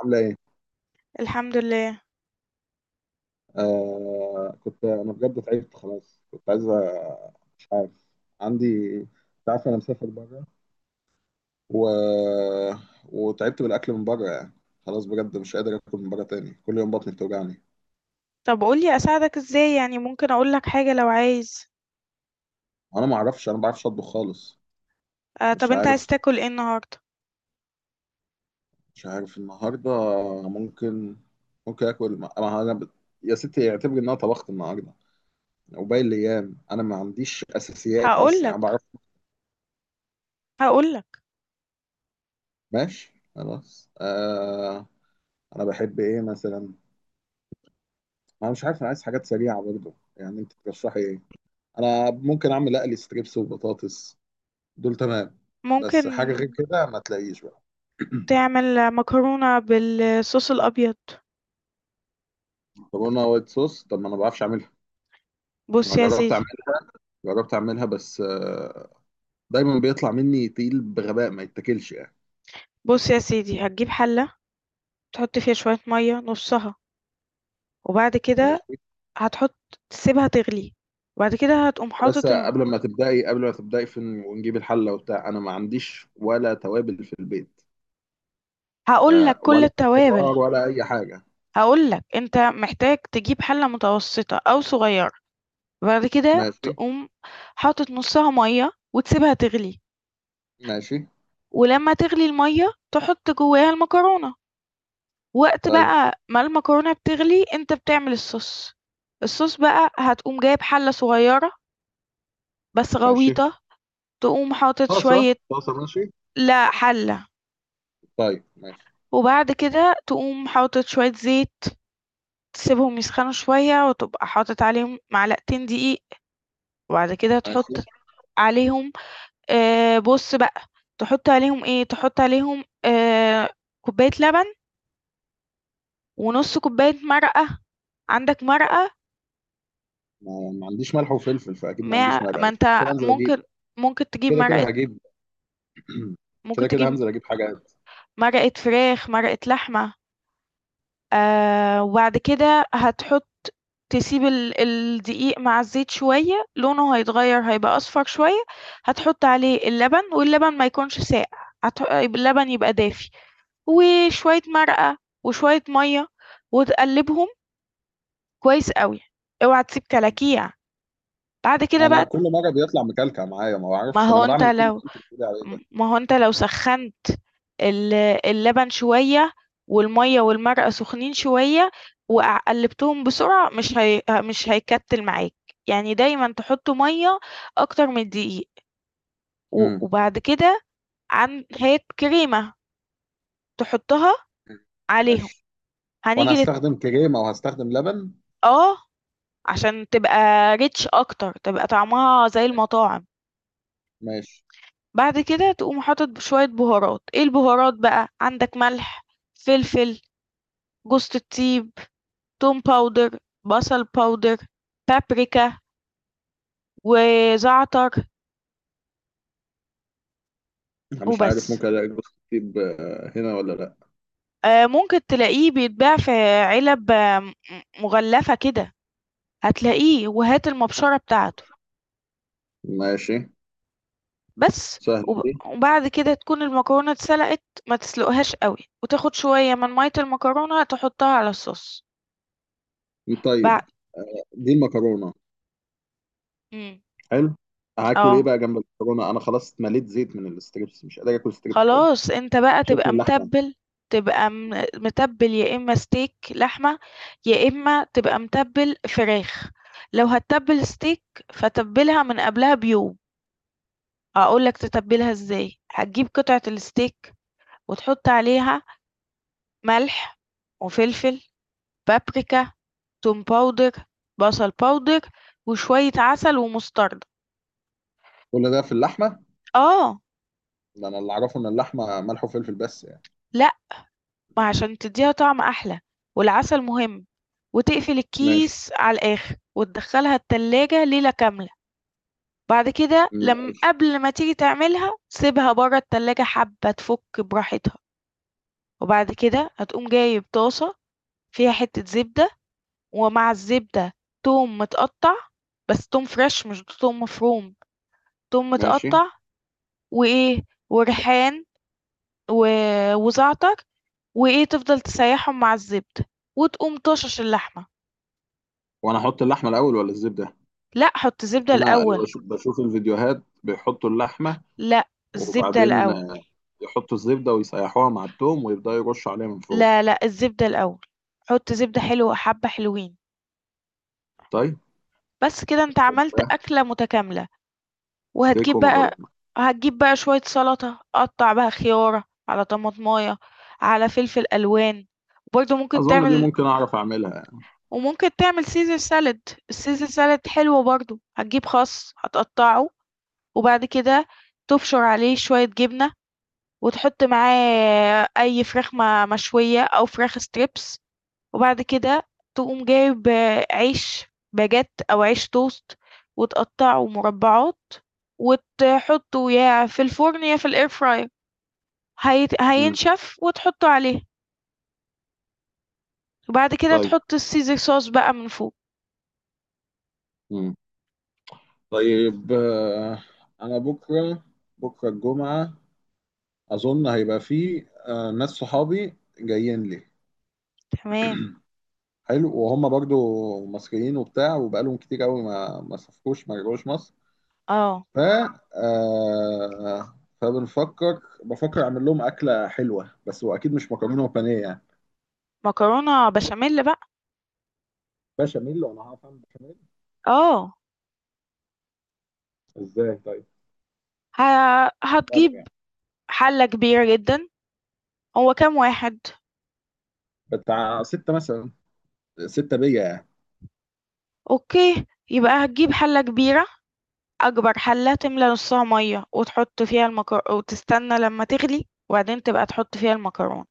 عاملة إيه؟ الحمد لله. آه، كنت أنا بجد تعبت خلاص، كنت عايز مش عارف. عندي، أنت عارف أنا مسافر بره و... وتعبت بالأكل من بره يعني. خلاص بجد مش قادر آكل من بره تاني، كل يوم بطني بتوجعني. طب قولي اساعدك ازاي، يعني ممكن اقولك حاجة لو عايز. أنا ما أعرفش، أنا ما بعرفش أطبخ خالص. آه، طب مش انت عايز عارف، تاكل ايه النهاردة؟ مش عارف النهاردة. ممكن ممكن آكل ما يا ستي اعتبري إن أنا طبخت النهاردة، وباقي الأيام أنا ما عنديش أساسيات أصلا هقولك يعني ما بعرف. هقولك ماشي خلاص. أنا بحب إيه مثلا؟ انا مش عارف، انا عايز حاجات سريعه برضه يعني، انت ترشحي ايه؟ انا ممكن اعمل اقلي ستريبس وبطاطس، دول تمام. ممكن بس حاجه غير كده ما تلاقيش بقى. تعمل مكرونة بالصوص الابيض. مكرونه وايت صوص؟ طب ما انا ما بعرفش اعملها. بص انا يا جربت سيدي اعملها، جربت اعملها بس دايما بيطلع مني تقيل بغباء ما يتاكلش يعني. بص يا سيدي هتجيب حلة تحط فيها شوية مية نصها، وبعد كده ماشي. هتحط، تسيبها تغلي، وبعد كده هتقوم بس حاطط قبل ما تبداي في ونجيب الحله وبتاع، انا ما عنديش ولا توابل في البيت. ف هقولك كل ولا التوابل. خضار ولا اي حاجه. هقولك انت محتاج تجيب حلة متوسطة او صغيرة، بعد كده ماشي. تقوم حاطط نُصّها مَيّة وتسيبها تغلي، ماشي. ولمّا تغلي المَيّة تحُط جواها المكرونة، وقت طيب بقى ما المكرونة بتغلي أنت بتعمل الصوص، الصوص بقى هتقوم جايب حلة صغيرة بس ماشي. غويطة، تقوم حاطط طاسه، شوية، طاسه، ماشي. لأ حلة، طيب ماشي. وبعد كده تقوم حاطط شوية زيت، تسيبهم يسخنوا شوية وتبقى حاطط عليهم معلقتين دقيق، وبعد كده تحُط هشوف. عليهم بُص بقى، تحُط عليهم إيه، تحُط عليهم كوباية لبن ونُص كوباية مرقة، عندك مرقة؟ ما عنديش ملح وفلفل، فاكيد ما مع عنديش مرقه، ما بس أنت كده انزل اجيب. ممكن ممكن تجيب كده كده مرقة، هجيب. ممكن كده كده تجيب هنزل اجيب حاجه. مرقة فراخ، مرقة لحمة، وبعد كده هتحُط، تسيب الدقيق مع الزيت شوية، لونه هيتغيّر هيبقى أصفر شوية، هتحُط عليه اللبن واللبن ما يكونش ساقع، اللبن يبقى دافي، وشوية مرقة وشوية مَيّة وتقلّبهم كويس أوي، اوعى تسيب كلاكيع، بعد ما كده انا بقى كل مره بيطلع مكلكع معايا ما ما بعرفش، طب هو انا أنت بعمل كل اللي لو انت بتقولي عليه ده. ما هو أنت لو سخّنت ال اللبن شوية، والمَيّة والمرقة سخنين شوية، وقع قلّبتهم بسرعة، مش هيكتّل معاك، يعني دايمًا تحط مَيّة أكتر من الدقيق، و امم وبعد كده هات كريمة تحطها عليهم، ماشي. وانا هنيجي للت هستخدم كريمه وهستخدم لبن. آه، عشان تبقى rich أكتر، تبقى طعمها زي المطاعم. ماشي. بعد كده تقوم حاطط شوية بهارات، إيه البهارات بقى، عندك ملح، فلفل، جوزة الطيب، توم باودر، بصل باودر، بابريكا وزعتر انا مش عارف وبس. ممكن الاقي جوز الطيب هنا ولا لا؟ ممكن تلاقيه بيتباع في علب آه، مغلفة كده، هتلاقيه وهات المبشرة بتاعته ماشي. بس. سهله دي. وبعد كده تكون المكرونة اتسلقت، ما تسلقهاش أوي، وتاخد شوية من مَيّة المكرونة تحطها على الصوص. بع طيب. دي المكرونه. إمم، حلو. هاكل ايه آه. بقى جنب المكرونه؟ انا خلاص اتمليت زيت من الستريبس، مش قادر اكل ستريبس تاني. خلاص انت بقى شكل تبقى اللحمه. متبل، تبقى متبل، يا اما ستيك لحمة يا اما تبقى متبل فراخ، لو هتتبل ستيك فتبلها من قبلها بيوم. هقولك تتبلها ازاي، هتجيب قطعة الستيك وتحط عليها ملح وفلفل بابريكا توم باودر بصل باودر وشوية عسل ومستردة. كل ده في اللحمه؟ اه. ده انا اللي اعرفه ان اللحمه ملح وفلفل بس يعني. لا، ما عشان تدّيها طعم أحلى، والعسل مهم، وتقفل ماشي. الكيس على الآخر، وتدخّلها التلاجة ليلة كاملة، بعد كده لم ماشي. قبل ما تيجي تعملها سيبها برّه التلاجة حبّة تفُك براحتها، وبعد كده هتقوم جايب طاسة فيها حتّة زبدة، ومع الزبدة توم متقطّع، بس توم فريش مش توم مفروم، توم ماشي. متقطّع وإيه، وريحان و وزعتر وإيه، تفضل تسيّحهم مع الزبدة، وتقوم طاشش اللحمة. وانا احط اللحمه الاول ولا الزبده؟ لأ، حُط زبدة اصل انا اللي الأول. بشوف الفيديوهات بيحطوا اللحمه، لأ، الزبدة وبعدين الأول. يحطوا الزبده ويسيحوها مع التوم ويبداوا يرشوا عليها من فوق. لا، لأ، الزبدة الأول. حُط زبدة حلوة حبّة حلوين، طيب. بس كده أنت عملت زبدة، أكلة متكاملة، ستيك وهتجيب بقى ومكرونه. هتجيب بقى شوية سَلطة، قطّع بقى خيارة، على طماطماية، على فلفل ألوان، وبرضه ممكن اظن دي تعمل، ممكن اعرف اعملها يعني. وممكن تعمل Caesar salad، الCaesar salad حلو برضه، هتجيب خَس هتقطّعه، وبعد كده تبشر عليه شوية جبنة وتحط معاه أي فراخ مشوية أو فراخ ستريبس، وبعد كده تقوم جايب آه، عيش باجيت أو عيش توست، وتقطعه مربعات، وتحطه يا في الفرن يا في الاير فراير، مم. هينشف وتحطه عليه، وبعد كده طيب. تحط السيزر صوص بقى من فوق. مم. طيب. انا بكره، بكره الجمعه. اظن هيبقى فيه ناس صحابي جايين لي. تمام. حلو. وهم برضو مصريين وبتاع، وبقالهم كتير قوي ما سافروش ما رجعوش مصر. اه، ف فبنفكر بفكر اعمل لهم اكله حلوه، بس واكيد مش مكرونه وبانيه يعني. مكرونة بشاميل بقى. بشاميل. وانا هعرف اعمل بشاميل اه، ازاي طيب؟ ه... الفرق هتجيب يعني. حلة كبيرة جدا، هو كام واحد؟ بتاع 6 مثلا، 6 بيا يعني. اوكي، يبقى هتجيب حلة كبيرة، اكبر حلة، تملى نصها مية وتحط فيها وتستنى لما تغلي وبعدين تبقى تحط فيها المكرونة،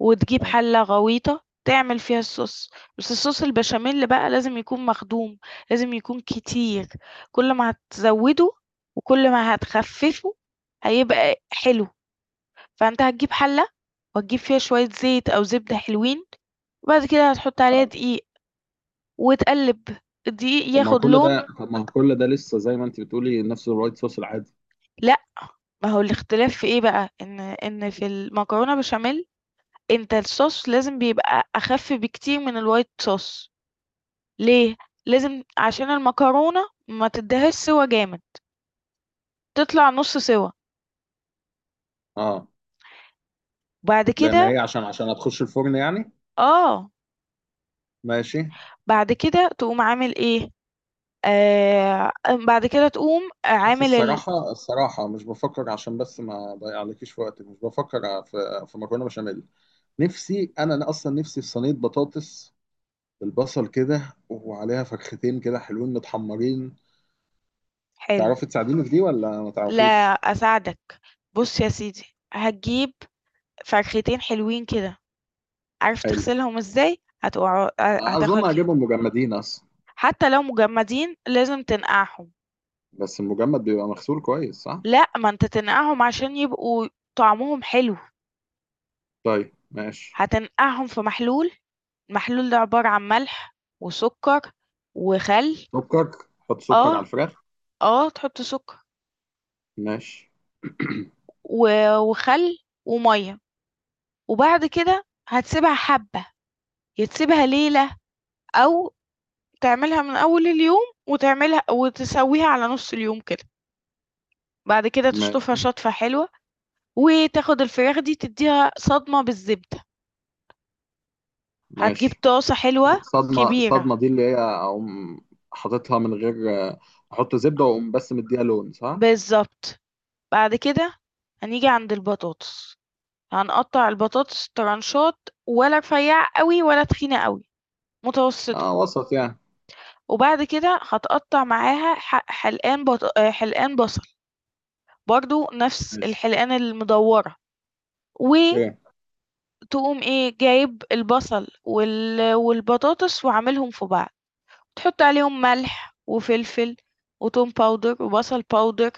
وتجيب ماشي. حلة غويطة تعمل فيها الصوص. بس الصوص البشاميل بقى لازم يكون مخدوم، لازم يكون كتير، كل ما هتزوده وكل ما هتخففه هيبقى حلو، فانت هتجيب حلة وتجيب فيها شوية زيت او زبدة حلوين، وبعد كده هتحط عليها اه. دقيق وتقلب الدقيق طب ما هو ياخد كل لون. ده، طب ما هو كل ده لسه زي ما انت بتقولي نفس الوايت صوص العادي. لأ، ما هو الاختلاف في إيه بقى، إن في المكرونة بشاميل أنت الsauce لازم بيبقى أخَف بكتير من الwhite sauce، ليه؟ لازم عشان المكرونة ما تدّيهاش سِوَى جامد، تطلع نُص سِوَى، اه. وبعد لان كده هي عشان هتخش الفرن يعني. آه، ماشي. بعد كده تقوم عامل إيه، آآ، بعد كده تقوم بص، عامل الصراحة، الصراحة مش بفكر، عشان بس ما اضيع عليكيش في وقتك، مش بفكر في مكرونة بشاميل. نفسي أنا أصلا نفسي في صينية بطاطس بالبصل كده، وعليها فرختين كده حلوين متحمرين. حلو. تعرفي تساعديني في دي ولا ما تعرفيش؟ لا أساعدك، بُص يا سيدي، هتجيب فرختين حلوين كده، عارف حلو. تغسلهم إزاي؟ أظن هتاخد، هجيبهم مجمدين أصلا. حتى لو مجمدين لازم تنقعهم. بس المجمد بيبقى مغسول كويس صح؟ لأ، ما أنت تنقعهم عشان يبقوا طعمهم حلو، طيب ماشي. هتنقعهم في محلول، المحلول ده عبارة عن ملح وسكر وخل. سكر؟ حط سكر آه، على الفراخ؟ آه، تحط سكر ماشي. و وخل ومَيّة، وبعد كده هتسيبها حبة، يا تسيبها ليلة أو تعملها من أول اليوم وتعملها وتسويها على نُص اليوم كده، بعد كده تشطفها ماشي. شطفة حلوة وتاخد الفراخ دي تدّيها صدمة بالزبدة. هتجيب ماشي. طاسة حلوة الصدمة، كبيرة. الصدمة دي اللي هي أقوم حاططها من غير، أحط زبدة وأقوم بس مديها لون صح؟ بالظبط. بعد كده هنيجي عند البطاطس، هنقطع البطاطس طرنشات، ولا رفيعة قوي ولا تخينة قوي، متوسطة، وسط يعني. وبعد كده هتقطع معاها حلقان آه، حلقان بصل، برضو نفس ماشي. الحلقان المدورة، وتقوم أوكي. ايه جايب البصل والبطاطس وعاملهم في بعض، تحط عليهم ملح وفلفل وتوم باودر وبصل باودر،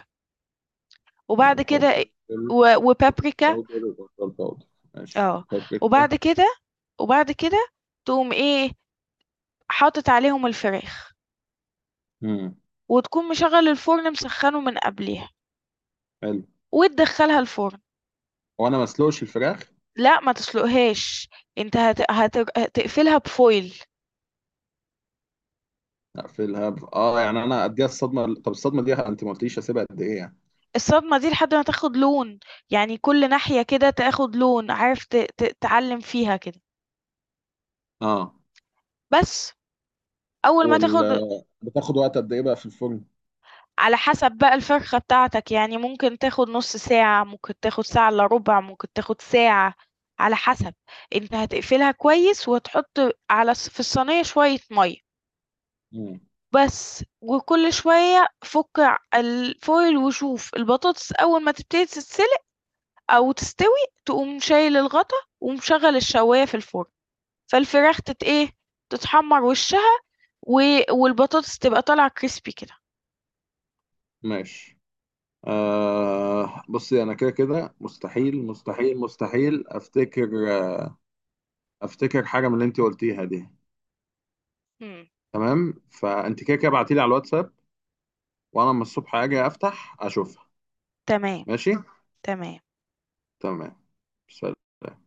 وبعد كده ملحوف، فلفل، و بروتين وبابريكا باودر وبصل باودر. ماشي آه، بابريكا. وبعد كده وبعد كده تقوم إيه، حاطط عليهم الفراخ، امم وتكون مشغّل الفرن مسخّنه من قبليها، حلو. وتدخّلها الفرن. هو أنا ما أسلقش الفراخ؟ لأ ما تسلقهاش، أنت هت هتر تقفلها بfoil. لا في الهب يعني أنا أديها الصدمة، طب الصدمة دي أنت ما قلتليش أسيبها قد إيه يعني؟ الصدمة دي لحد ما تاخد لون، يعني كل ناحية كده تاخد لون، عارف ت ت تعلّم فيها كده، آه بس أول ما وال تاخد، بتاخد وقت قد إيه بقى في الفرن؟ على حسب بقى الفرخة بتاعتك يعني ممكن تاخد نص ساعة، ممكن تاخد ساعة إلا ربع، ممكن تاخد ساعة، على حسب. انت هتقفلها كويس وتحط على في الصينية شوية مية امم بس، وكل شوية فك الفويل وشوف البطاطس، أول ما تبتدي تتسلق أو تستوي تقوم شايل الغطا ومشغل الشواية في الفرن، فالفراخ ايه تتحمر وشها، و... والبطاطس تبقى طالعة كريسبي كده. ماشي. بصي انا كده كده مستحيل، مستحيل، مستحيل افتكر، افتكر حاجه من اللي انت قلتيها دي. مم. تمام فانت كده كده ابعتيلي على الواتساب، وانا لما الصبح اجي افتح اشوفها. تمام ماشي. تمام. تمام. سلام.